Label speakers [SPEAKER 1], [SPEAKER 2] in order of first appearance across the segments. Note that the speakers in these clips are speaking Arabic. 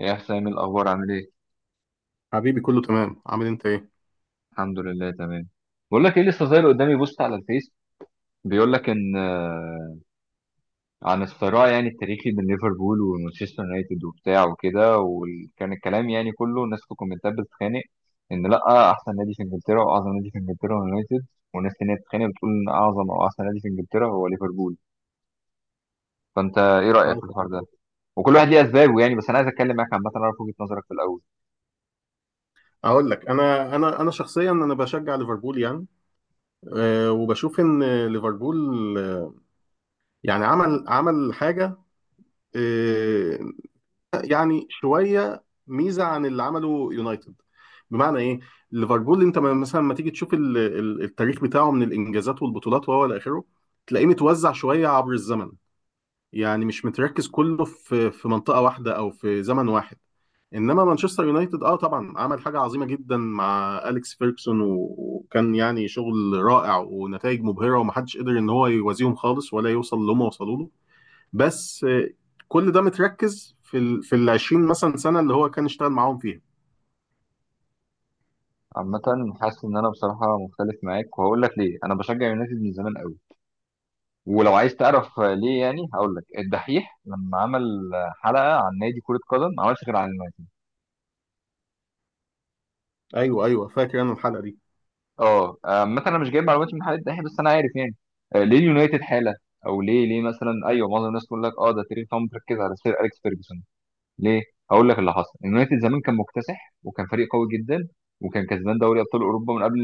[SPEAKER 1] ايه يا حسام، الاخبار عامل ايه؟
[SPEAKER 2] حبيبي، كله تمام. عامل إيه انت؟ ايه؟
[SPEAKER 1] الحمد لله تمام. بقول لك ايه، لسه ظاهر قدامي بوست على الفيس بيقول لك ان عن الصراع يعني التاريخي بين ليفربول ومانشستر يونايتد وبتاع وكده. وكان الكلام يعني كله، الناس في الكومنتات بتتخانق ان لا، احسن نادي في انجلترا واعظم نادي في انجلترا هو يونايتد، وناس تانية بتتخانق بتقول ان اعظم او احسن نادي في انجلترا هو ليفربول. فانت ايه
[SPEAKER 2] اه،
[SPEAKER 1] رايك في الحوار
[SPEAKER 2] تمام.
[SPEAKER 1] ده؟ وكل واحد ليه اسبابه يعني، بس انا عايز اتكلم معاك عامه اعرف وجهه نظرك في الاول.
[SPEAKER 2] اقول لك، انا شخصيا انا بشجع ليفربول يعني. وبشوف ان ليفربول، آه، يعني عمل حاجه، أه يعني شويه ميزه عن اللي عمله يونايتد. بمعنى ايه؟ ليفربول انت مثلا ما تيجي تشوف التاريخ بتاعه من الانجازات والبطولات وهو الى اخره، تلاقيه متوزع شويه عبر الزمن. يعني مش متركز كله في منطقة واحدة أو في زمن واحد. إنما مانشستر يونايتد طبعا عمل حاجة عظيمة جدا مع أليكس فيركسون، وكان يعني شغل رائع ونتائج مبهرة ومحدش قدر إن هو يوازيهم خالص ولا يوصل اللي هم وصلوا له. بس كل ده متركز في ال 20 مثلا سنة اللي هو كان اشتغل معاهم فيها.
[SPEAKER 1] عامه حاسس ان انا بصراحه مختلف معاك، وهقول لك ليه. انا بشجع يونايتد من زمان قوي، ولو عايز تعرف ليه يعني هقول لك. الدحيح لما عمل حلقه عن نادي كره قدم ما عملش غير عن اليونايتد.
[SPEAKER 2] أيوه، أيوه، فاكر أنا الحلقة دي.
[SPEAKER 1] اه مثلا انا مش جايب معلومات من حلقه الدحيح، بس انا عارف يعني. ليه اليونايتد حاله، او ليه ليه مثلا، ايوه معظم الناس تقول لك اه ده تيري فاهم مركز على سير اليكس فيرجسون. ليه؟ هقول لك اللي حصل. اليونايتد زمان كان مكتسح وكان فريق قوي جدا، وكان كسبان دوري ابطال اوروبا من قبل،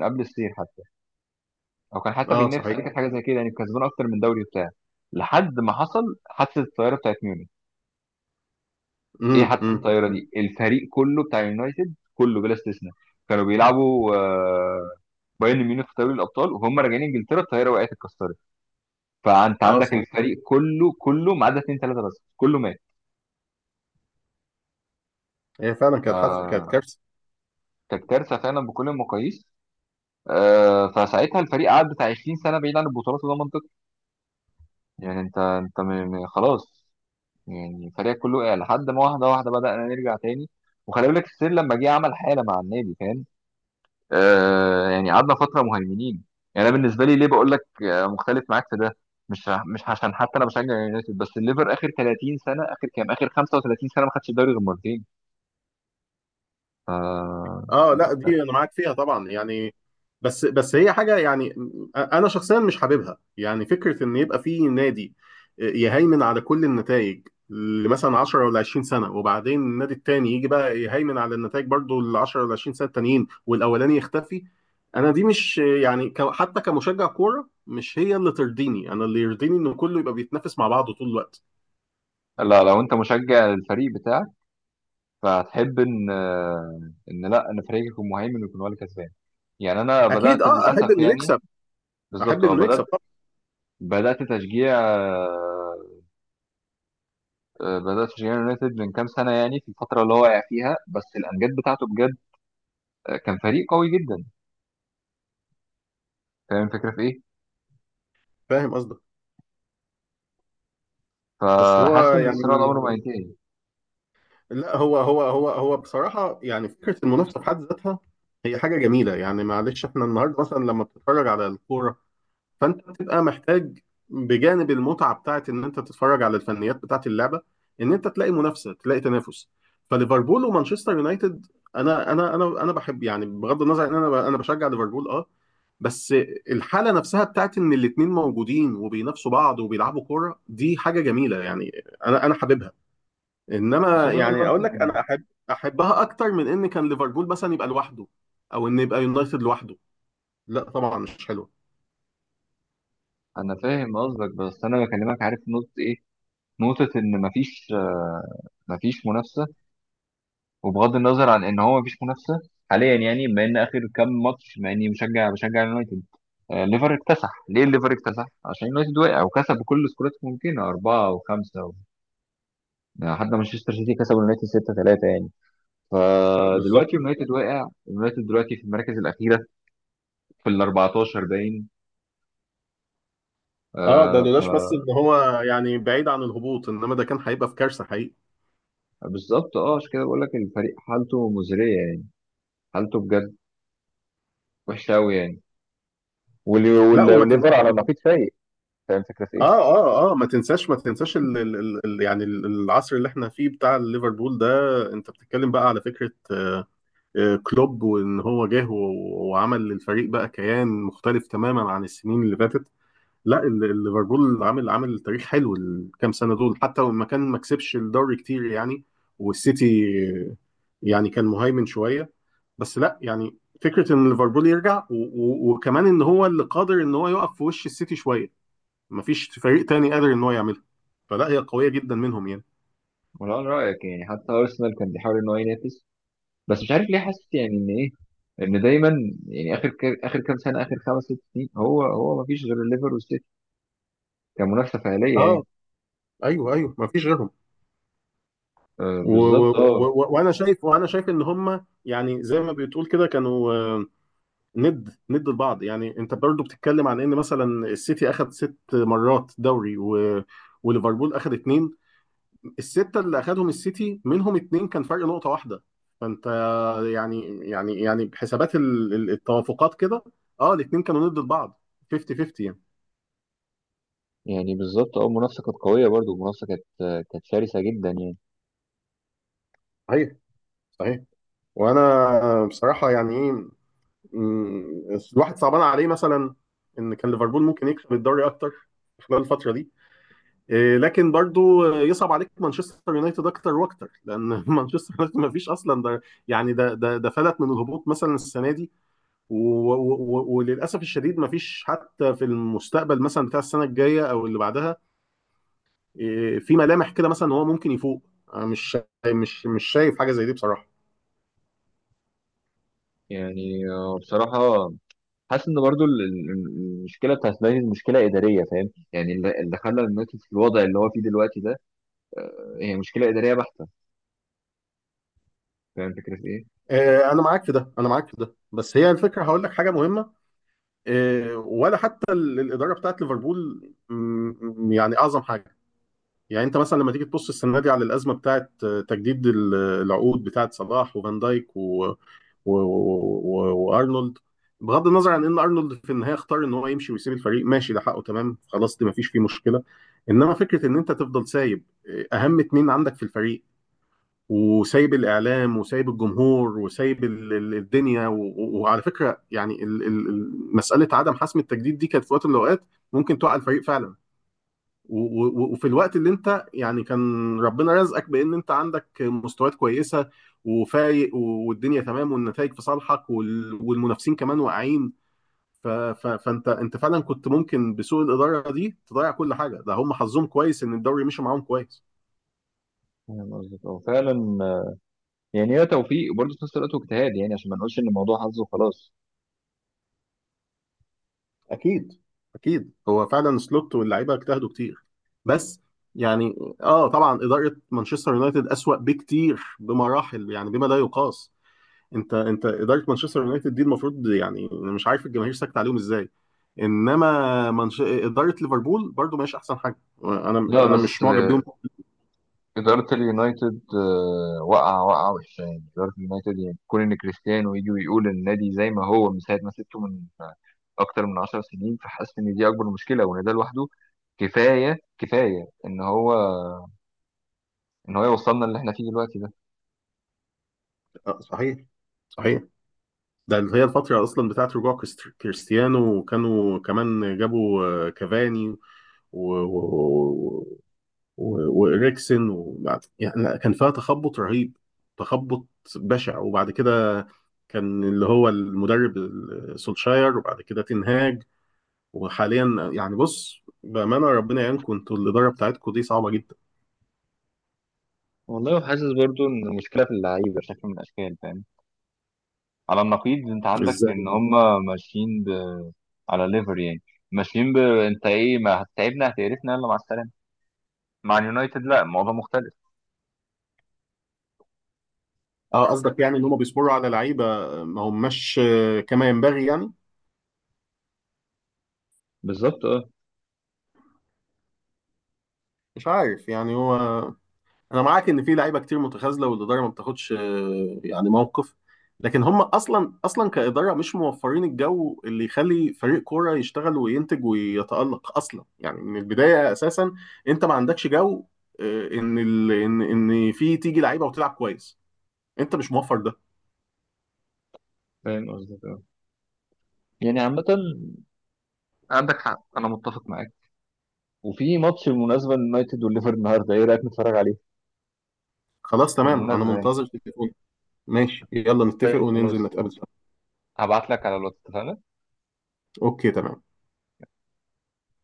[SPEAKER 1] من قبل السير حتى، او كان حتى بينافس
[SPEAKER 2] صحيح.
[SPEAKER 1] عليه، كانت حاجه زي كده يعني، كسبان اكتر من دوري بتاعه. لحد ما حصل حادثه الطياره بتاعت ميونخ. ايه
[SPEAKER 2] امم،
[SPEAKER 1] حادثه
[SPEAKER 2] امم.
[SPEAKER 1] الطياره دي؟ الفريق كله بتاع اليونايتد كله بلا استثناء كانوا بيلعبوا بايرن ميونخ في دوري الابطال، وهم راجعين انجلترا الطياره وقعت اتكسرت. فانت عندك
[SPEAKER 2] صحيح،
[SPEAKER 1] الفريق كله، كله ما عدا اتنين تلاته، بس كله مات.
[SPEAKER 2] هي فعلا كانت حادثة، كانت
[SPEAKER 1] آه،
[SPEAKER 2] كارثة.
[SPEAKER 1] كانت كارثه فعلا بكل المقاييس. فساعتها الفريق قعد بتاع 20 سنه بعيد عن البطولات، وده منطقي يعني. انت خلاص، يعني فريقك كله وقع. لحد ما واحده واحده بدأنا نرجع تاني، وخلي بالك السير لما جه عمل حاله مع النادي، فاهم؟ آه يعني قعدنا فتره مهيمنين. يعني انا بالنسبه لي ليه بقول لك مختلف معاك في ده. مش عشان حتى انا بشجع يونايتد، بس الليفر اخر 30 سنه، اخر كام، اخر 35 سنه ما خدش الدوري غير مرتين. ف
[SPEAKER 2] اه، لا، دي انا معاك فيها طبعا يعني. بس هي حاجه يعني، انا شخصيا مش حاببها يعني فكره ان يبقى في نادي يهيمن على كل النتائج لمثلا 10 ولا 20 سنه، وبعدين النادي التاني يجي بقى يهيمن على النتائج برضو ال 10 ولا 20 سنه التانيين والاولاني يختفي. انا دي مش يعني، حتى كمشجع كوره، مش هي اللي ترضيني. انا اللي يرضيني ان كله يبقى بيتنافس مع بعضه طول الوقت.
[SPEAKER 1] لا، لو انت مشجع للفريق بتاعك فهتحب ان ان لا، ان فريقك يكون مهيمن ويكون هو اللي كسبان. يعني انا بدات
[SPEAKER 2] اكيد، اه،
[SPEAKER 1] للاسف
[SPEAKER 2] احب انه
[SPEAKER 1] يعني،
[SPEAKER 2] يكسب. احب
[SPEAKER 1] بالظبط اه،
[SPEAKER 2] انه يكسب
[SPEAKER 1] بدات.
[SPEAKER 2] طبعا.
[SPEAKER 1] بدات تشجيع آه، بدات تشجيع يونايتد من كام سنه، يعني في الفتره اللي هو واقع فيها، بس الامجاد بتاعته بجد كان فريق قوي جدا. فاهم الفكرة في إيه؟
[SPEAKER 2] فاهم قصدك. بس هو
[SPEAKER 1] فحاسس إن
[SPEAKER 2] يعني،
[SPEAKER 1] الصراع ده عمره ما هينتهي.
[SPEAKER 2] لا، هو بصراحة يعني فكرة المنافسة في حد ذاتها هي حاجة جميلة يعني. معلش، احنا النهاردة مثلا لما بتتفرج على الكورة، فانت بتبقى محتاج بجانب المتعة بتاعت ان انت تتفرج على الفنيات بتاعت اللعبة، ان انت تلاقي منافسة، تلاقي تنافس. فليفربول ومانشستر يونايتد، انا بحب، يعني بغض النظر ان انا بشجع ليفربول اه، بس الحالة نفسها بتاعت ان الاتنين موجودين وبينافسوا بعض وبيلعبوا كورة، دي حاجة جميلة يعني. انا حاببها.
[SPEAKER 1] بس
[SPEAKER 2] انما
[SPEAKER 1] هما
[SPEAKER 2] يعني
[SPEAKER 1] دلوقتي،
[SPEAKER 2] اقول لك، انا احب، احبها اكتر من ان كان ليفربول مثلا يبقى لوحده، او ان يبقى يونايتد لوحده. لا، طبعا مش حلو.
[SPEAKER 1] أنا فاهم قصدك، بس أنا بكلمك، عارف نقطة إيه؟ نقطة إن مفيش مفيش منافسة. وبغض النظر عن إن هو مفيش منافسة حاليا، يعني بما إن آخر كام ماتش، مع إني مشجع بشجع اليونايتد، ليفر اكتسح. ليه ليفر اكتسح؟ عشان اليونايتد وقع، وكسب بكل سكورات ممكنه، اربعه وخمسه و... يعني حتى مانشستر سيتي كسب اليونايتد 6-3 يعني.
[SPEAKER 2] بالظبط،
[SPEAKER 1] فدلوقتي اليونايتد واقع، اليونايتد دلوقتي في المراكز الاخيره، في ال 14 باين،
[SPEAKER 2] اه. ده لولاش بس
[SPEAKER 1] آه.
[SPEAKER 2] ان هو يعني بعيد عن الهبوط، انما ده كان هيبقى في كارثه حقيقي.
[SPEAKER 1] فبالظبط اه، عشان كده بقول لك الفريق حالته مزريه يعني، حالته بجد وحشه قوي يعني.
[SPEAKER 2] لا،
[SPEAKER 1] والليفر على نقيض، سيء. فاهم الفكره في
[SPEAKER 2] اه
[SPEAKER 1] ايه؟
[SPEAKER 2] اه اه ما تنساش يعني العصر اللي احنا فيه بتاع ليفربول ده. انت بتتكلم بقى على فكره كلوب، وان هو جه وعمل للفريق بقى كيان مختلف تماما عن السنين اللي فاتت. لا، ليفربول عامل تاريخ حلو الكام سنه دول، حتى لما كان ما كسبش الدوري كتير يعني، والسيتي يعني كان مهيمن شويه. بس لا، يعني فكره ان ليفربول يرجع وكمان ان هو اللي قادر ان هو يقف في وش السيتي شويه، ما فيش فريق تاني قادر ان هو يعملها. فلا، هي قويه جدا منهم يعني.
[SPEAKER 1] ولا انا رايك يعني حتى ارسنال كان بيحاول ان هو ينافس، بس مش عارف ليه. حاسس يعني ان ايه؟ ان دايما يعني اخر اخر كام سنه، اخر خمس ست سنين، هو ما فيش غير الليفر والسيتي كمنافسه فعليه يعني.
[SPEAKER 2] اه، ايوه، ايوه، ما فيش غيرهم.
[SPEAKER 1] آه بالظبط اه.
[SPEAKER 2] وانا شايف ان هم يعني زي ما بتقول كده كانوا، ند ند لبعض يعني. انت برضو بتتكلم عن ان مثلا السيتي اخذ ست مرات دوري وليفربول اخذ اتنين. السته اللي اخذهم السيتي منهم اتنين كان فرق نقطه واحده. فانت يعني، بحسابات التوافقات كده، اه، الاتنين كانوا ند لبعض. 50 50 يعني.
[SPEAKER 1] يعني بالظبط اه، المنافسه كانت قويه، برضو المنافسه كانت. كانت شرسه جدا يعني.
[SPEAKER 2] صحيح، صحيح. وانا بصراحه يعني ايه، الواحد صعبان عليه مثلا ان كان ليفربول ممكن يكسب الدوري اكتر خلال الفتره دي، إيه، لكن برضو يصعب عليك مانشستر يونايتد اكتر واكتر، لان مانشستر يونايتد ما فيش اصلا. ده يعني ده فلت من الهبوط مثلا السنه دي. وللاسف الشديد ما فيش حتى في المستقبل مثلا بتاع السنه الجايه او اللي بعدها، إيه، في ملامح كده مثلا ان هو ممكن يفوق. أنا مش شا- مش مش شايف حاجه زي دي بصراحه.
[SPEAKER 1] يعني آه بصراحه حاسس ان برضو المشكله بتاعت لاينز مشكله اداريه، فاهم يعني؟ اللي خلى اليونايتد في الوضع اللي هو فيه دلوقتي ده، هي مشكله اداريه بحته. فاهم الفكره في ايه؟
[SPEAKER 2] إيه، انا معاك في ده، انا معاك في ده. بس هي الفكره، هقول لك حاجه مهمه. إيه، ولا حتى الاداره بتاعت ليفربول، يعني اعظم حاجه. يعني انت مثلا لما تيجي تبص السنه دي على الازمه بتاعت تجديد العقود بتاعت صلاح وفان دايك و... و... وارنولد. بغض النظر عن ان ارنولد في النهايه اختار ان هو يمشي ويسيب الفريق ماشي، ده حقه، تمام، خلاص، دي مفيش فيه مشكله. انما فكره ان انت تفضل سايب اهم اتنين عندك في الفريق، وسايب الاعلام وسايب الجمهور وسايب الدنيا وعلى فكره، يعني مساله عدم حسم التجديد دي كانت في وقت من الاوقات ممكن توقع الفريق فعلا. وفي الوقت اللي انت يعني كان ربنا رزقك بان انت عندك مستويات كويسه وفايق، والدنيا تمام والنتائج في صالحك، والمنافسين كمان واقعين، فانت، انت فعلا كنت ممكن بسوء الاداره دي تضيع كل حاجه. ده هم حظهم كويس ان الدوري مشي معاهم كويس.
[SPEAKER 1] فاهم قصدك اه فعلا. يعني هي توفيق برضه في نفس الوقت واجتهاد، يعني عشان ما نقولش ان الموضوع حظ وخلاص.
[SPEAKER 2] اكيد، اكيد، هو فعلا سلوت واللعيبه اجتهدوا كتير. بس يعني، اه، طبعا اداره مانشستر يونايتد اسوأ بكتير بمراحل يعني بما لا يقاس. انت اداره مانشستر يونايتد دي المفروض، يعني انا مش عارف الجماهير ساكت عليهم ازاي. انما اداره ليفربول برضو ماشي احسن حاجه، انا
[SPEAKER 1] لا لا،
[SPEAKER 2] انا
[SPEAKER 1] بس
[SPEAKER 2] مش
[SPEAKER 1] لا،
[SPEAKER 2] معجب بيهم.
[SPEAKER 1] إدارة اليونايتد واقعة واقعة وحشة يعني. إدارة اليونايتد يعني، كون إن كريستيانو يجي ويقول النادي زي ما هو من ساعة ما سبته، من أكتر من 10 سنين. فحاسس إن دي أكبر مشكلة، وإن ده لوحده كفاية كفاية إن هو، ان هو يوصلنا اللي احنا فيه دلوقتي ده.
[SPEAKER 2] صحيح، صحيح. ده اللي هي الفتره اصلا بتاعت رجوع كريستيانو، وكانوا كمان جابوا كافاني و... و... وإريكسن، يعني لا، كان فيها تخبط رهيب، تخبط بشع. وبعد كده كان اللي هو المدرب سولشاير، وبعد كده تنهاج. وحاليا يعني، بص، بامانه، ربنا يعينكم، انتوا الاداره بتاعتكم دي صعبه جدا.
[SPEAKER 1] والله. وحاسس برضو ان المشكله في اللعيبه شكل من الاشكال، فاهم؟ على النقيض انت عندك
[SPEAKER 2] ازاي؟
[SPEAKER 1] ان هم ماشيين على ليفر يعني، ماشيين انت ايه، ما هتتعبنا هتقرفنا، يلا مع السلامه. مع اليونايتد لا، الموضوع مختلف.
[SPEAKER 2] اه، قصدك يعني ان هم بيصبروا على لعيبه ما هماش كما ينبغي يعني.
[SPEAKER 1] بالظبط اه.
[SPEAKER 2] مش عارف يعني هو، انا معاك ان في لعيبه كتير متخاذله والاداره ما بتاخدش، يعني، موقف. لكن هم اصلا، اصلا كاداره مش موفرين الجو اللي يخلي فريق كوره يشتغل وينتج ويتالق اصلا يعني من البدايه اساسا. انت ما عندكش جو، ان ال... ان ان في تيجي لعيبه وتلعب كويس، انت مش موفر ده.
[SPEAKER 1] فاهم قصدك اه. يعني عامة عندك حق، أنا متفق معاك. وفي ماتش بالمناسبة اليونايتد والليفر النهاردة، إيه رأيك نتفرج عليه؟
[SPEAKER 2] خلاص، تمام، انا
[SPEAKER 1] بالمناسبة يعني.
[SPEAKER 2] منتظر تليفون. ماشي، يلا نتفق
[SPEAKER 1] طيب
[SPEAKER 2] وننزل
[SPEAKER 1] خلاص،
[SPEAKER 2] نتقابل سوا.
[SPEAKER 1] هبعت لك على الواتس، اتفقنا؟
[SPEAKER 2] اوكي، تمام.